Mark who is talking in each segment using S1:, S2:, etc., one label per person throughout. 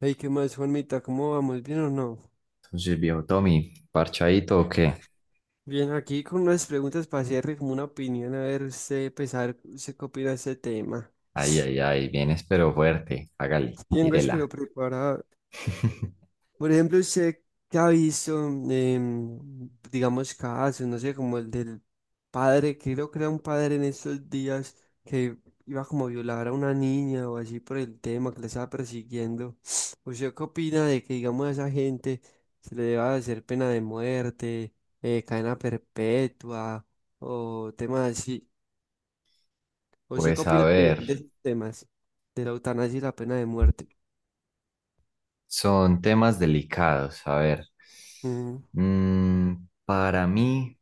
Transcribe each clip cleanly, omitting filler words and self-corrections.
S1: Hey, ¿qué más, Juanmita? ¿Cómo vamos? ¿Bien o no?
S2: Entonces, viejo Tommy, ¿parchadito o qué?
S1: Bien, aquí con unas preguntas para hacerle como una opinión, a ver usted, pesar, usted qué opina de este tema.
S2: Ay, ay, ay, vienes pero fuerte. Hágale,
S1: Tengo, espero,
S2: tírela.
S1: preparada. Por ejemplo, usted que ha visto, digamos, casos, no sé, como el del padre, creo que era un padre en estos días que iba como a violar a una niña o así por el tema que le estaba persiguiendo. ¿Usted qué opina de que, digamos, a esa gente se le deba hacer pena de muerte, cadena perpetua o temas así? ¿Usted qué
S2: Pues a
S1: opina de
S2: ver,
S1: de esos temas de la eutanasia y la pena de muerte?
S2: son temas delicados. A ver,
S1: Ujú.
S2: mm, para mí,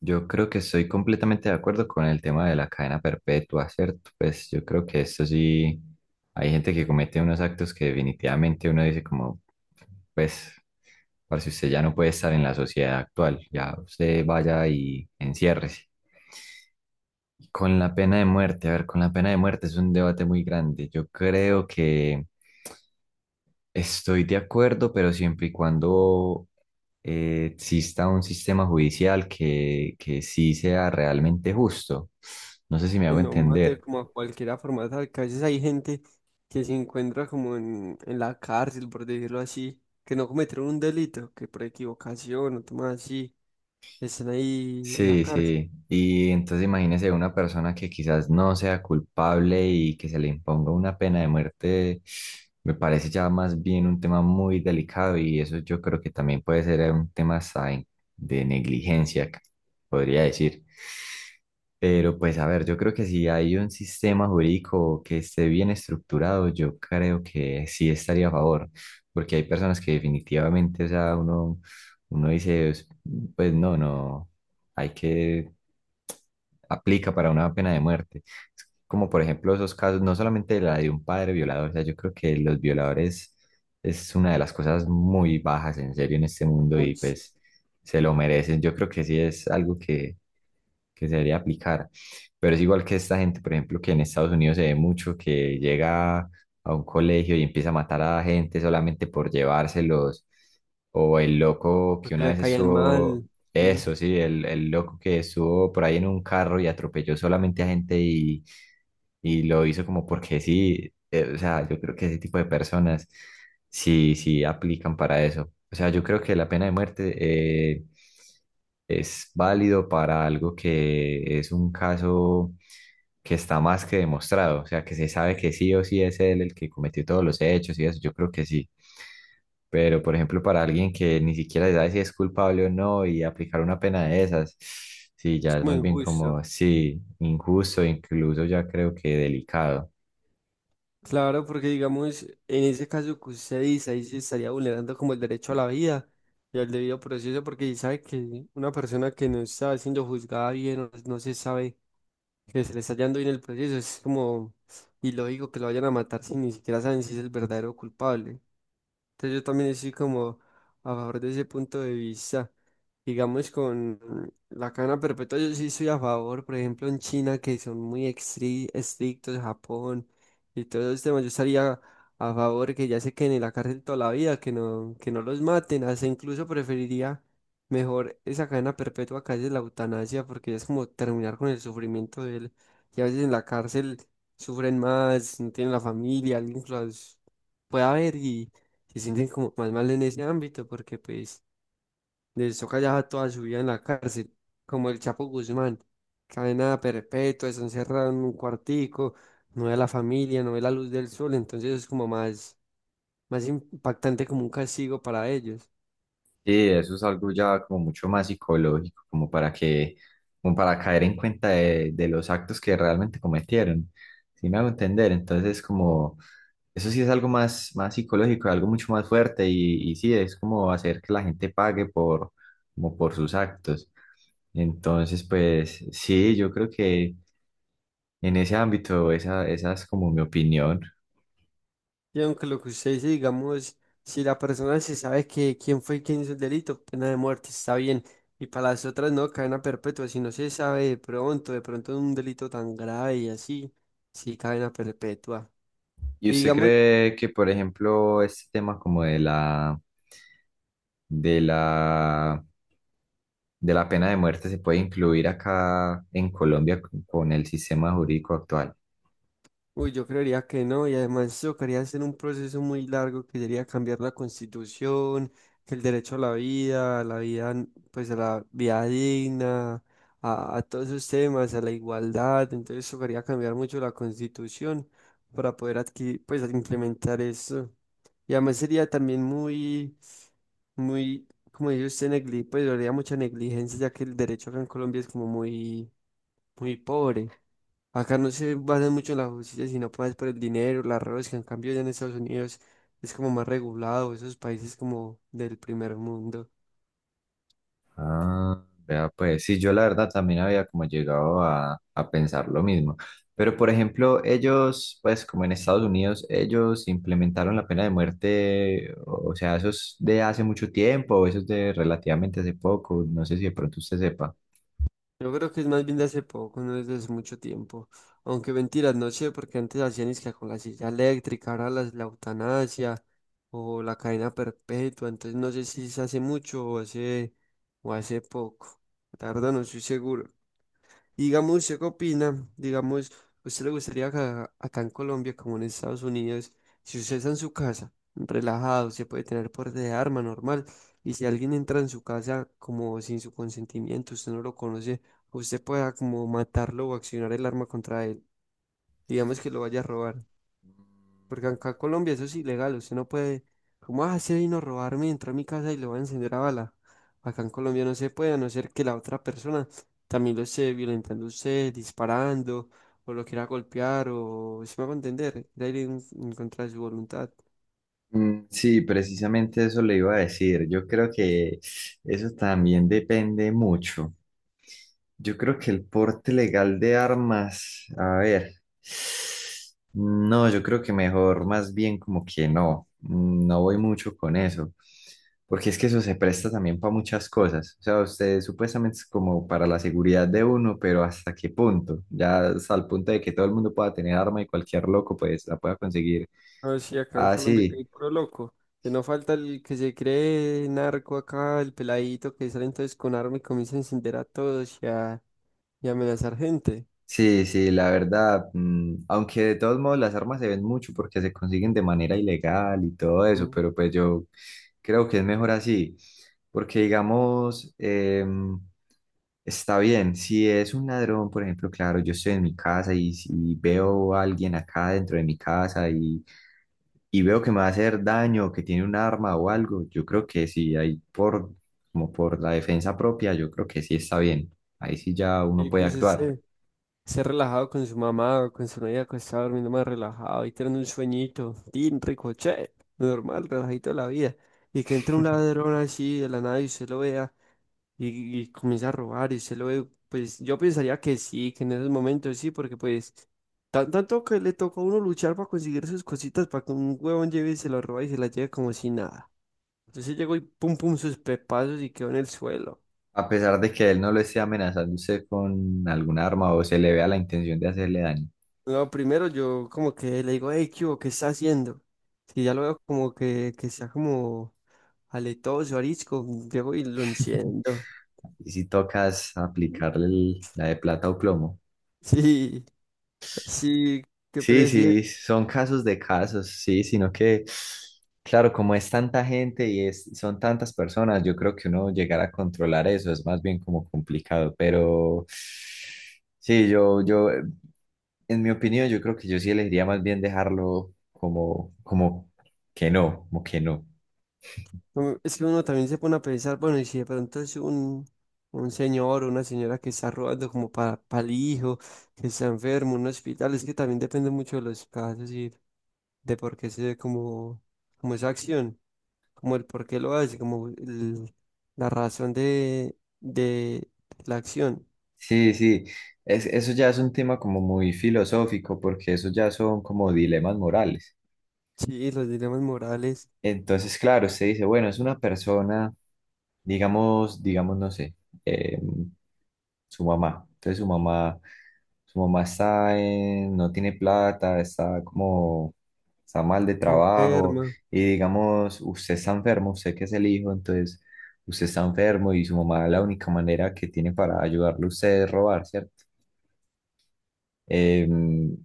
S2: yo creo que estoy completamente de acuerdo con el tema de la cadena perpetua, ¿cierto? Pues yo creo que esto sí, hay gente que comete unos actos que definitivamente uno dice como, pues, para si usted ya no puede estar en la sociedad actual, ya usted vaya y enciérrese. Con la pena de muerte, a ver, con la pena de muerte es un debate muy grande. Yo creo que estoy de acuerdo, pero siempre y cuando exista un sistema judicial que sí sea realmente justo. No sé si me
S1: Que
S2: hago
S1: no mate
S2: entender.
S1: como a cualquiera formato, que a veces hay gente que se encuentra como en la cárcel, por decirlo así, que no cometieron un delito, que por equivocación o temas así, están ahí en la
S2: Sí,
S1: cárcel,
S2: sí. Y entonces imagínese una persona que quizás no sea culpable y que se le imponga una pena de muerte, me parece ya más bien un tema muy delicado y eso yo creo que también puede ser un tema hasta de negligencia, podría decir. Pero pues a ver, yo creo que si hay un sistema jurídico que esté bien estructurado, yo creo que sí estaría a favor, porque hay personas que definitivamente, o sea, uno, uno dice, pues, no, no hay que aplica para una pena de muerte. Es como por ejemplo esos casos, no solamente la de un padre violador, o sea, yo creo que los violadores es una de las cosas muy bajas en serio en este mundo y
S1: uy, sí,
S2: pues se lo merecen. Yo creo que sí es algo que se debería aplicar. Pero es igual que esta gente, por ejemplo, que en Estados Unidos se ve mucho que llega a un colegio y empieza a matar a gente solamente por llevárselos. O el loco que
S1: porque
S2: una
S1: le
S2: vez
S1: caían
S2: estuvo
S1: mal, ¿no?
S2: eso sí, el loco que estuvo por ahí en un carro y atropelló solamente a gente y lo hizo como porque sí, o sea, yo creo que ese tipo de personas sí, sí aplican para eso. O sea, yo creo que la pena de muerte es válido para algo que es un caso que está más que demostrado, o sea, que se sabe que sí o sí es él el que cometió todos los hechos y eso, yo creo que sí. Pero, por ejemplo, para alguien que ni siquiera sabe si es culpable o no y aplicar una pena de esas, sí,
S1: Es
S2: ya es
S1: como
S2: más bien
S1: injusto.
S2: como, sí, injusto, incluso ya creo que delicado.
S1: Claro, porque digamos, en ese caso que usted dice, ahí se estaría vulnerando como el derecho a la vida y al debido proceso, porque sabe que una persona que no está siendo juzgada bien, o no se sabe que se le está hallando hoy en el proceso. Es como ilógico que lo vayan a matar si ni siquiera saben si es el verdadero culpable. Entonces yo también estoy como a favor de ese punto de vista. Digamos, con la cadena perpetua, yo sí estoy a favor, por ejemplo, en China, que son muy estrictos, Japón y todos esos temas, yo estaría a favor que ya se queden en la cárcel toda la vida, que no los maten, hasta incluso preferiría mejor esa cadena perpetua que a veces la eutanasia, porque es como terminar con el sufrimiento de él, y a veces en la cárcel sufren más, no tienen la familia, alguien que los pueda ver, se sienten como más mal en ese ámbito porque pues les toca ya toda su vida en la cárcel, como el Chapo Guzmán, cadena perpetua, están encerrado en un cuartico, no ve a la familia, no ve la luz del sol, entonces es como más, más impactante como un castigo para ellos.
S2: Sí, eso es algo ya como mucho más psicológico, como para que, como para caer en cuenta de los actos que realmente cometieron. Si me hago entender, entonces como, eso sí es algo más, más psicológico, algo mucho más fuerte y sí, es como hacer que la gente pague por, como por sus actos. Entonces, pues sí, yo creo que en ese ámbito esa, esa es como mi opinión.
S1: Y aunque lo que usted dice, digamos, si la persona se sabe que quién fue quien hizo el delito, pena de muerte, está bien. Y para las otras no, cadena perpetua, si no se sabe de pronto un delito tan grave y así, sí, cadena perpetua.
S2: ¿Y
S1: Y
S2: usted
S1: digamos,
S2: cree que, por ejemplo, este tema como de la, de la, de la pena de muerte se puede incluir acá en Colombia con el sistema jurídico actual?
S1: uy, yo creería que no, y además tocaría hacer un proceso muy largo que sería cambiar la constitución, que el derecho a la vida, pues a la vida digna, a todos esos temas, a la igualdad, entonces tocaría cambiar mucho la constitución para poder adquirir, pues implementar eso. Y además sería también muy, muy, como dice usted, negli pues habría mucha negligencia, ya que el derecho acá en Colombia es como muy, muy pobre. Acá no se basan mucho en la justicia, sino pues por el dinero, las robas, que en cambio ya en Estados Unidos es como más regulado, esos países como del primer mundo.
S2: Ah, vea pues, sí, yo la verdad también había como llegado a pensar lo mismo. Pero por ejemplo, ellos, pues como en Estados Unidos, ellos implementaron la pena de muerte, o sea, eso es de hace mucho tiempo, eso es de relativamente hace poco, no sé si de pronto usted sepa.
S1: Yo creo que es más bien de hace poco, no es de hace mucho tiempo. Aunque mentiras, no sé, porque antes hacían es que con la silla eléctrica, ahora la eutanasia o la cadena perpetua, entonces no sé si se hace mucho o hace poco. La verdad no estoy seguro. Y digamos, ¿usted qué opina? Digamos, ¿usted le gustaría acá, acá en Colombia, como en Estados Unidos, si usted está en su casa, relajado, se puede tener por de arma normal, y si alguien entra en su casa como sin su consentimiento, usted no lo conoce, usted pueda como matarlo o accionar el arma contra él, digamos que lo vaya a robar? Porque acá en Colombia eso es ilegal, usted no puede, ¿cómo ah, se vino a robarme? Entró a mi casa y lo va a encender a bala. Acá en Colombia no se puede, a no ser que la otra persona también lo esté violentando a usted, disparando, o lo quiera golpear, o si me hago entender, de ir en contra de su voluntad.
S2: Mm, sí, precisamente eso le iba a decir. Yo creo que eso también depende mucho. Yo creo que el porte legal de armas, a ver, no, yo creo que mejor, más bien como que no, no voy mucho con eso, porque es que eso se presta también para muchas cosas. O sea, usted supuestamente es como para la seguridad de uno, pero ¿hasta qué punto? Ya hasta el punto de que todo el mundo pueda tener arma y cualquier loco pues la pueda conseguir
S1: No, sí, acá en Colombia que
S2: así.
S1: hay puro loco. Que no falta el que se cree narco acá, el peladito que sale entonces con arma y comienza a encender a todos y a amenazar gente.
S2: Sí, sí, la verdad, aunque de todos modos las armas se ven mucho porque se consiguen de manera ilegal y todo eso,
S1: Mm.
S2: pero pues yo creo que es mejor así, porque digamos, está bien, si es un ladrón, por ejemplo, claro, yo estoy en mi casa y si veo a alguien acá dentro de mi casa y veo que me va a hacer daño, que tiene un arma o algo, yo creo que sí, ahí por, como por la defensa propia, yo creo que sí está bien, ahí sí ya uno
S1: Y
S2: puede
S1: pues
S2: actuar.
S1: ese. Ser relajado con su mamá o con su novia, que está durmiendo más relajado y tener un sueñito, tin, rico, che, normal, relajito de la vida. Y que entre un ladrón así de la nada y usted lo vea y comienza a robar y usted lo ve, pues yo pensaría que sí, que en esos momentos sí, porque pues tanto que le tocó a uno luchar para conseguir sus cositas, para que un huevón lleve y se lo roba y se la lleve como si nada. Entonces llegó y pum pum sus pepazos y quedó en el suelo.
S2: A pesar de que él no lo esté amenazando usted con algún arma o se le vea la intención de hacerle daño.
S1: No, primero yo como que le digo, hey, ¿qué hubo? ¿Qué está haciendo? Si ya lo veo como que está como aletoso, arisco, llego y lo enciendo.
S2: Y si tocas aplicarle la de plata o plomo.
S1: Sí, sí, ¿qué
S2: Sí,
S1: prefiere?
S2: sí, son casos de casos, sí, sino que, claro, como es tanta gente y es, son tantas personas, yo creo que uno llegar a controlar eso es más bien como complicado, pero sí, en mi opinión, yo creo que yo sí elegiría más bien dejarlo como, como que no, como que no.
S1: Mm, es que uno también se pone a pensar, bueno, y si de pronto es un señor o una señora que está robando como para, el hijo, que está enfermo, un hospital, es que también depende mucho de los casos y de por qué se dé como, como esa acción. Como el por qué lo hace, como la razón de la acción.
S2: Sí, sí, es, eso ya es un tema como muy filosófico porque eso ya son como dilemas morales.
S1: Sí, los dilemas morales
S2: Entonces, claro, usted dice, bueno, es una persona, digamos, digamos, no sé, eh, su mamá. Entonces su mamá está no tiene plata, está como, está mal de trabajo
S1: enferma
S2: y digamos, usted está enfermo, usted que es el hijo, entonces usted está enfermo y su mamá la única manera que tiene para ayudarle a usted es robar, ¿cierto? Em,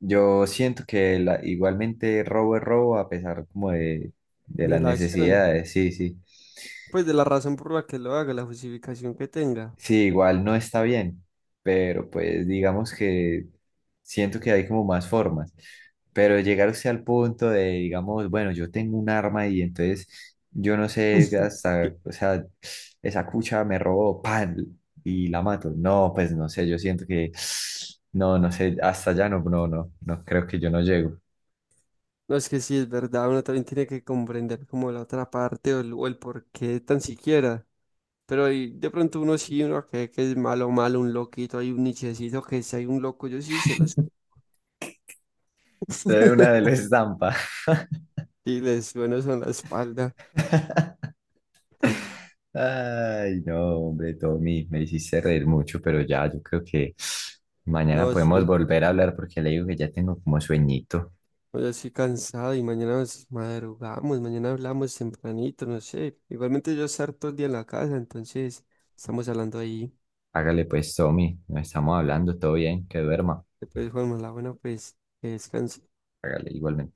S2: Yo siento que igualmente robo es robo a pesar como de
S1: de
S2: las
S1: la acción,
S2: necesidades, sí, sí.
S1: pues de la razón por la que lo haga, la justificación que tenga.
S2: Sí, igual no está bien, pero pues digamos que siento que hay como más formas. Pero llegar usted al punto de, digamos, bueno, yo tengo un arma y entonces yo no sé
S1: Que-
S2: hasta, o sea, esa cucha me robó, pan, y la mato. No, pues no sé, yo siento que, no, no sé, hasta allá no, no, no, no, creo que yo no llego.
S1: no es que sí, es verdad, uno también tiene que comprender como la otra parte o el por qué tan siquiera. Pero ahí de pronto uno sí, uno que es malo, malo, un loquito, hay un nichecito que si hay un loco, yo sí se los...
S2: Se ve una de la estampa.
S1: Y les sueno en la espalda.
S2: Ay, no, hombre, Tommy, me hiciste reír mucho, pero ya, yo creo que mañana
S1: No,
S2: podemos
S1: sí.
S2: volver a hablar porque le digo que ya tengo como sueñito.
S1: Hoy así cansado y mañana nos madrugamos, mañana hablamos tempranito, no sé. Igualmente yo estar todo el día en la casa, entonces estamos hablando ahí.
S2: Hágale pues, Tommy, nos estamos hablando, todo bien, que duerma.
S1: Después, Juanma, la buena, pues que descanse.
S2: Hágale igualmente.